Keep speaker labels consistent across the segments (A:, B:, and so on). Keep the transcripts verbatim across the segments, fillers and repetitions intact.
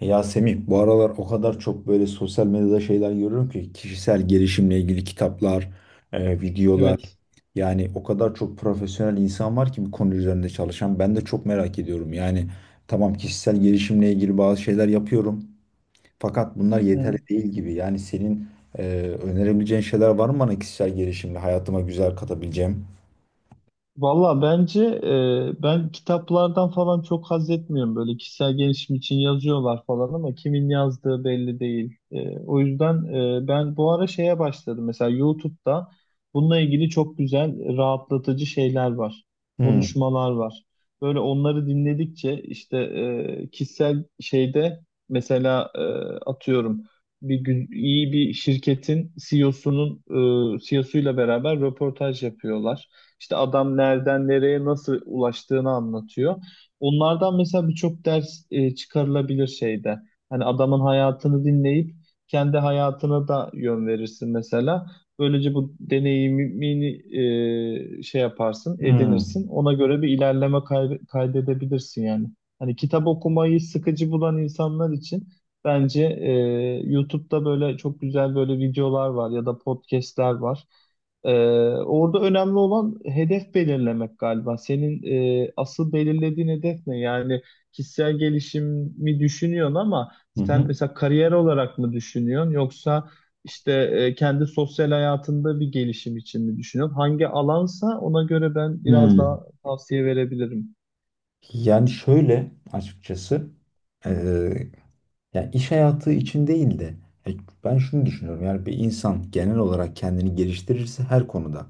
A: Ya Semih, bu aralar o kadar çok böyle sosyal medyada şeyler görüyorum ki kişisel gelişimle ilgili kitaplar, e, videolar
B: Evet.
A: yani o kadar çok profesyonel insan var ki bu konu üzerinde çalışan. Ben de çok merak ediyorum. Yani tamam kişisel gelişimle ilgili bazı şeyler yapıyorum fakat bunlar yeterli
B: Ee,
A: değil gibi. Yani senin e, önerebileceğin şeyler var mı bana kişisel gelişimle hayatıma güzel katabileceğim?
B: Valla bence e, ben kitaplardan falan çok haz etmiyorum. Böyle kişisel gelişim için yazıyorlar falan ama kimin yazdığı belli değil. E, o yüzden e, ben bu ara şeye başladım. Mesela YouTube'da bununla ilgili çok güzel rahatlatıcı şeyler var.
A: Hmm.
B: Konuşmalar var. Böyle onları dinledikçe işte e, kişisel şeyde mesela e, atıyorum bir gün iyi bir şirketin C E O'sunun e, C E O'suyla beraber röportaj yapıyorlar. İşte adam nereden nereye nasıl ulaştığını anlatıyor. Onlardan mesela birçok ders e, çıkarılabilir şeyde. Hani adamın hayatını dinleyip kendi hayatına da yön verirsin mesela. Böylece bu deneyimini e, şey yaparsın,
A: Hmm.
B: edinirsin. Ona göre bir ilerleme kay- kaydedebilirsin yani. Hani kitap okumayı sıkıcı bulan insanlar için bence e, YouTube'da böyle çok güzel böyle videolar var ya da podcastler var. Ee, Orada önemli olan hedef belirlemek galiba. Senin e, asıl belirlediğin hedef ne? Yani kişisel gelişimi düşünüyorsun ama
A: Hı hı.
B: sen mesela kariyer olarak mı düşünüyorsun yoksa işte e, kendi sosyal hayatında bir gelişim için mi düşünüyorsun? Hangi alansa ona göre ben biraz
A: Hmm.
B: daha tavsiye verebilirim.
A: Yani şöyle açıkçası. e, Yani iş hayatı için değil de ya ben şunu düşünüyorum. Yani bir insan genel olarak kendini geliştirirse her konuda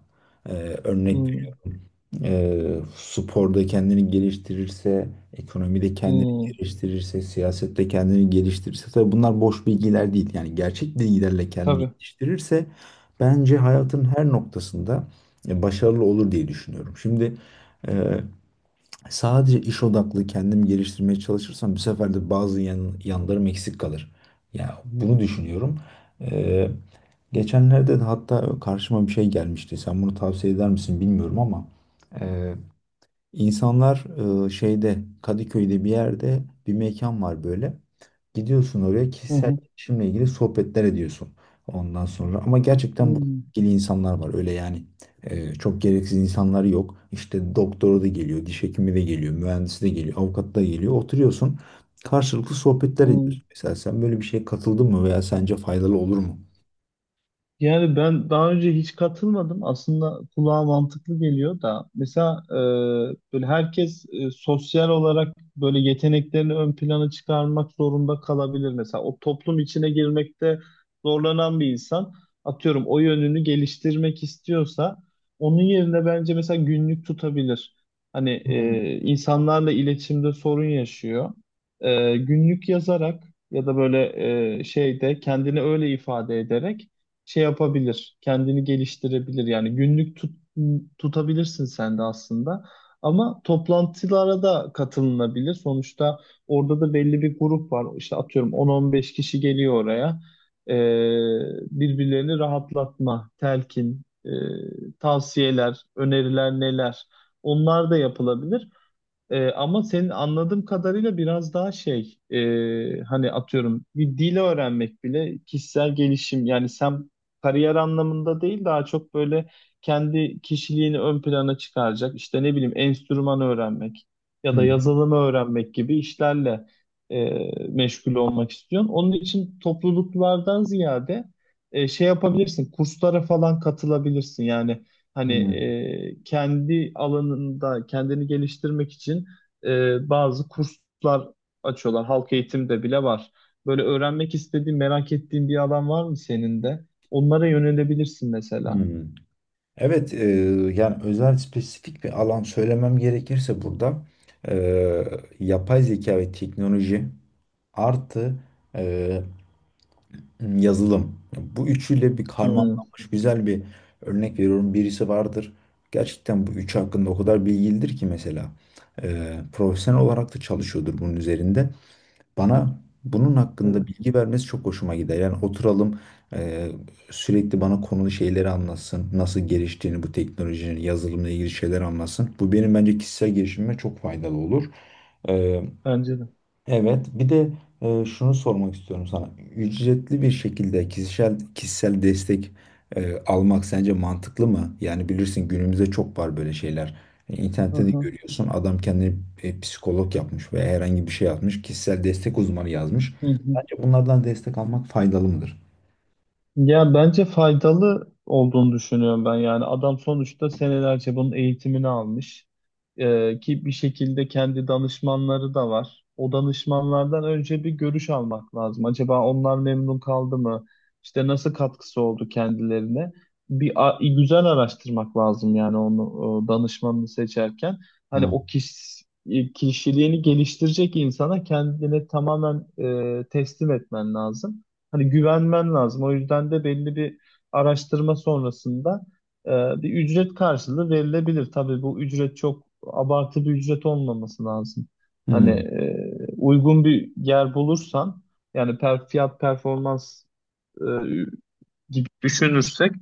A: e, örnek
B: Hmm,
A: veriyorum. E, sporda kendini geliştirirse, ekonomide kendini
B: hmm,
A: geliştirirse, siyasette kendini geliştirirse tabii bunlar boş bilgiler değil. Yani gerçek bilgilerle kendini
B: tabii.
A: geliştirirse bence hayatın her noktasında e, başarılı olur diye düşünüyorum. Şimdi e, sadece iş odaklı kendimi geliştirmeye çalışırsam bu sefer de bazı yan, yanlarım eksik kalır. Ya bunu düşünüyorum. Ee, Geçenlerde de hatta karşıma bir şey gelmişti. Sen bunu tavsiye eder misin bilmiyorum ama İnsanlar e, şeyde, Kadıköy'de bir yerde bir mekan var böyle. Gidiyorsun oraya,
B: Hı
A: kişisel
B: hı,
A: gelişimle ilgili sohbetler ediyorsun ondan sonra. Ama gerçekten bu
B: hmm,
A: ilgili insanlar var öyle yani. E, çok gereksiz insanlar yok. İşte doktoru da geliyor, diş hekimi de geliyor, mühendisi de geliyor, avukat da geliyor. Oturuyorsun, karşılıklı sohbetler
B: hmm.
A: ediyorsun. Mesela sen böyle bir şeye katıldın mı veya sence faydalı olur mu?
B: Yani ben daha önce hiç katılmadım. Aslında kulağa mantıklı geliyor da. Mesela e, böyle herkes e, sosyal olarak böyle yeteneklerini ön plana çıkarmak zorunda kalabilir. Mesela o toplum içine girmekte zorlanan bir insan atıyorum o yönünü geliştirmek istiyorsa onun yerine bence mesela günlük tutabilir. Hani
A: Hmm.
B: e, insanlarla iletişimde sorun yaşıyor. E, günlük yazarak ya da böyle e, şeyde kendini öyle ifade ederek şey yapabilir, kendini geliştirebilir. Yani günlük tut, tutabilirsin sen de aslında. Ama toplantılara da katılınabilir. Sonuçta orada da belli bir grup var. İşte atıyorum on on beş kişi geliyor oraya. Ee, Birbirlerini rahatlatma, telkin, e, tavsiyeler, öneriler neler? Onlar da yapılabilir. Ee, ama senin anladığım kadarıyla biraz daha şey e, hani atıyorum bir dil öğrenmek bile kişisel gelişim yani sen kariyer anlamında değil daha çok böyle kendi kişiliğini ön plana çıkaracak işte ne bileyim enstrüman öğrenmek ya da
A: Hı
B: yazılımı öğrenmek gibi işlerle e, meşgul olmak istiyorsun. Onun için topluluklardan ziyade e, şey yapabilirsin kurslara falan katılabilirsin yani. Hani
A: hı.
B: e, kendi alanında kendini geliştirmek için e, bazı kurslar açıyorlar. Halk eğitimde bile var. Böyle öğrenmek istediğin, merak ettiğin bir alan var mı senin de? Onlara yönelebilirsin
A: Hı
B: mesela.
A: hı. Evet. E, yani özel spesifik bir alan söylemem gerekirse burada e, yapay zeka ve teknoloji artı e, yazılım. Bu üçüyle bir
B: Hmm.
A: karmalanmış güzel bir örnek veriyorum. Birisi vardır. Gerçekten bu üçü hakkında o kadar bilgilidir ki mesela. E, profesyonel olarak da çalışıyordur bunun üzerinde. Bana bunun hakkında
B: Evet,
A: bilgi vermesi çok hoşuma gider. Yani oturalım e, sürekli bana konulu şeyleri anlatsın. Nasıl geliştiğini bu teknolojinin, yazılımla ilgili şeyler anlatsın. Bu benim bence kişisel gelişimime çok faydalı olur.
B: bence de.
A: Evet, bir de e, şunu sormak istiyorum sana. Ücretli bir şekilde kişisel kişisel destek e, almak sence mantıklı mı? Yani bilirsin günümüzde çok var böyle şeyler. E,
B: Hı
A: İnternette de
B: hı.
A: görüyorsun, adam kendini e, psikolog yapmış veya herhangi bir şey yapmış. Kişisel destek uzmanı yazmış.
B: Hı hı.
A: Sence bunlardan destek almak faydalı mıdır?
B: Ya bence faydalı olduğunu düşünüyorum ben. Yani adam sonuçta senelerce bunun eğitimini almış. Ee, ki bir şekilde kendi danışmanları da var. O danışmanlardan önce bir görüş almak lazım. Acaba onlar memnun kaldı mı? İşte nasıl katkısı oldu kendilerine? Bir a- güzel araştırmak lazım yani onu e, danışmanını seçerken. Hani
A: Hmm.
B: o kişi, kişiliğini geliştirecek insana kendini tamamen e, teslim etmen lazım. Hani güvenmen lazım. O yüzden de belli bir araştırma sonrasında e, bir ücret karşılığı verilebilir. Tabii bu ücret çok abartı bir ücret olmaması lazım. Hani
A: Hmm.
B: e, uygun bir yer bulursan yani per, fiyat performans e, gibi düşünürsek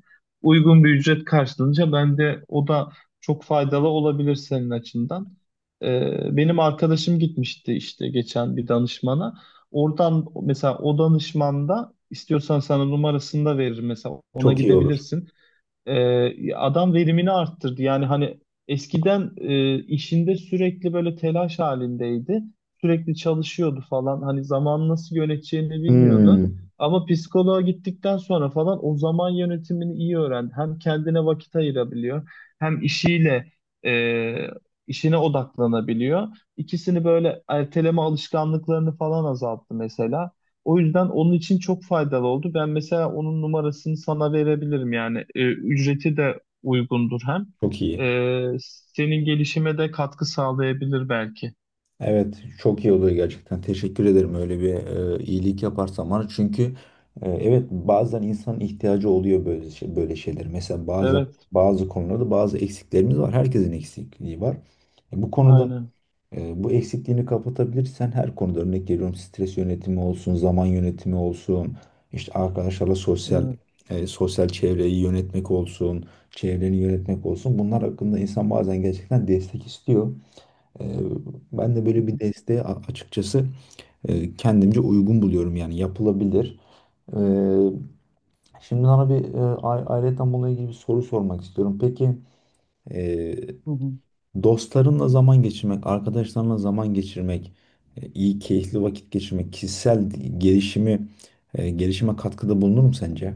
B: uygun bir ücret karşılığınca bence o da çok faydalı olabilir senin açından. Ee, benim arkadaşım gitmişti işte geçen bir danışmana. Oradan mesela o danışman da istiyorsan sana numarasını da verir mesela ona
A: Çok iyi olur.
B: gidebilirsin. Ee, adam verimini arttırdı. Yani hani eskiden e, işinde sürekli böyle telaş halindeydi. Sürekli çalışıyordu falan. Hani zaman nasıl yöneteceğini bilmiyordu.
A: Hmm.
B: Ama psikoloğa gittikten sonra falan o zaman yönetimini iyi öğrendi. Hem kendine vakit ayırabiliyor, hem işiyle e, işine odaklanabiliyor. İkisini böyle erteleme alışkanlıklarını falan azalttı mesela. O yüzden onun için çok faydalı oldu. Ben mesela onun numarasını sana verebilirim yani. E, ücreti de uygundur hem.
A: Çok
B: E,
A: iyi.
B: Senin gelişime de katkı sağlayabilir belki.
A: Evet, çok iyi oluyor gerçekten. Teşekkür ederim öyle bir e, iyilik yaparsan bana. Çünkü, e, evet, bazen insanın ihtiyacı oluyor böyle şey, böyle şeyler. Mesela bazen
B: Evet,
A: bazı konularda bazı eksiklerimiz var. Herkesin eksikliği var. E, bu konuda
B: aynen.
A: e, bu eksikliğini kapatabilirsen her konuda, örnek veriyorum, stres yönetimi olsun, zaman yönetimi olsun, işte arkadaşlarla sosyal,
B: Evet.
A: e, sosyal çevreyi yönetmek olsun, çevreni yönetmek olsun. Bunlar hakkında insan bazen gerçekten destek istiyor. Ee, Ben de
B: Hı
A: böyle bir
B: hı,
A: desteği a- açıkçası e, kendimce uygun buluyorum, yani yapılabilir. Ee, Şimdi sana bir e, a- ayrıyeten bununla ilgili bir soru sormak istiyorum. Peki e,
B: hı hı.
A: dostlarınla zaman geçirmek, arkadaşlarınla zaman geçirmek, e, iyi keyifli vakit geçirmek, kişisel gelişimi e, gelişime katkıda bulunur mu sence?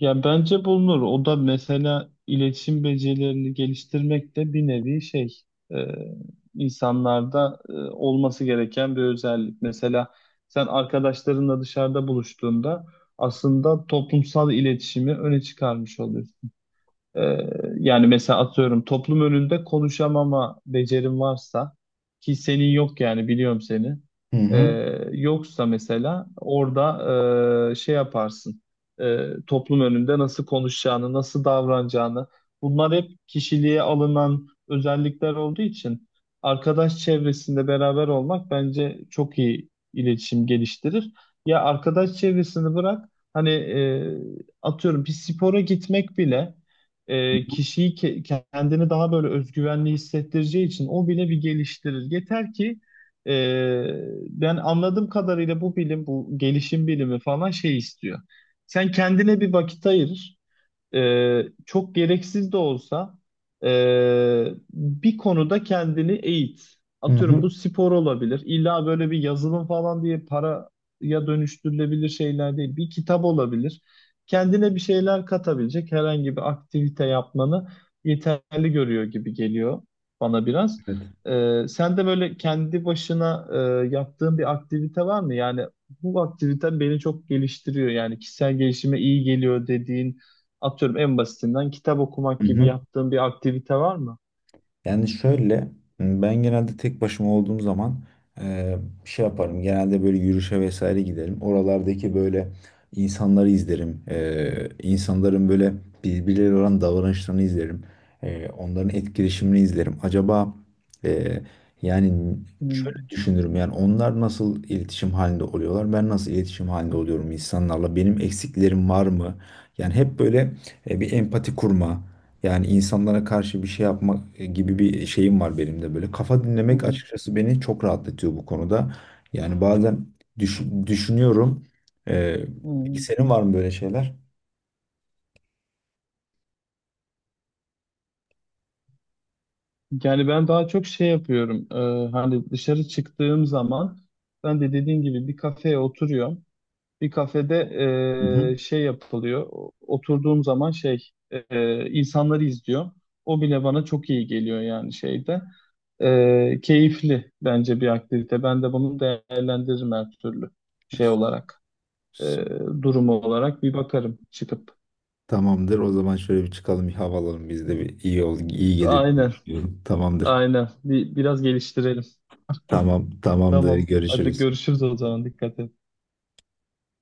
B: Ya bence bulunur. O da mesela iletişim becerilerini geliştirmek de bir nevi şey e, insanlarda e, olması gereken bir özellik. Mesela sen arkadaşlarınla dışarıda buluştuğunda aslında toplumsal iletişimi öne çıkarmış oluyorsun. Ee, Yani mesela atıyorum toplum önünde konuşamama becerim varsa ki senin yok yani biliyorum seni.
A: Hı
B: Ee,
A: hı.
B: Yoksa mesela orada e, şey yaparsın. Ee, toplum önünde nasıl konuşacağını, nasıl davranacağını. Bunlar hep kişiliğe alınan özellikler olduğu için arkadaş çevresinde beraber olmak bence çok iyi iletişim geliştirir. Ya arkadaş çevresini bırak hani e, atıyorum bir spora gitmek bile e, kişiyi ke- kendini daha böyle özgüvenli hissettireceği için o bile bir geliştirir. Yeter ki e, ben anladığım kadarıyla bu bilim, bu gelişim bilimi falan şey istiyor. Sen kendine bir vakit ayır e, çok gereksiz de olsa e, bir konuda kendini eğit.
A: Hı
B: Atıyorum
A: hı.
B: bu spor olabilir. İlla böyle bir yazılım falan diye paraya dönüştürülebilir şeyler değil. Bir kitap olabilir. Kendine bir şeyler katabilecek herhangi bir aktivite yapmanı yeterli görüyor gibi geliyor bana biraz.
A: Evet.
B: E, sen de böyle kendi başına e, yaptığın bir aktivite var mı? Yani bu aktivite beni çok geliştiriyor. Yani kişisel gelişime iyi geliyor dediğin Atıyorum en basitinden kitap okumak gibi yaptığın bir aktivite var mı?
A: Yani şöyle, ben genelde tek başıma olduğum zaman e, şey yaparım. Genelde böyle yürüyüşe vesaire giderim. Oralardaki böyle insanları izlerim. E, insanların böyle birbirleriyle olan davranışlarını izlerim. E, onların etkileşimini izlerim. Acaba e, yani şöyle
B: Hmm,
A: düşünürüm. Yani onlar nasıl iletişim halinde oluyorlar? Ben nasıl iletişim halinde oluyorum insanlarla? Benim eksiklerim var mı? Yani hep böyle e, bir empati kurma. Yani insanlara karşı bir şey yapmak e, gibi bir şeyim var benim de böyle. Kafa
B: hı
A: dinlemek
B: hı.
A: açıkçası beni çok rahatlatıyor bu konuda. Yani bazen düş- düşünüyorum. Ee, peki
B: Hmm.
A: senin var mı böyle şeyler?
B: Yani ben daha çok şey yapıyorum. Ee, hani dışarı çıktığım zaman ben de dediğim gibi bir kafeye oturuyorum. Bir kafede
A: Hı hı.
B: ee, şey yapılıyor. O- Oturduğum zaman şey ee, insanları izliyorum. O bile bana çok iyi geliyor yani şeyde. Ee, keyifli bence bir aktivite. Ben de bunu değerlendiririm her türlü şey
A: S-
B: olarak. Ee, durumu olarak bir bakarım çıkıp.
A: Tamamdır. O zaman şöyle bir çıkalım, bir hava alalım. Biz de bir iyi ol, iyi gelir diye
B: Aynen,
A: düşünüyorum. Tamamdır.
B: aynen. Bir, biraz geliştirelim.
A: Tamam, tamamdır.
B: Tamam. Hadi
A: Görüşürüz.
B: görüşürüz o zaman. Dikkat et.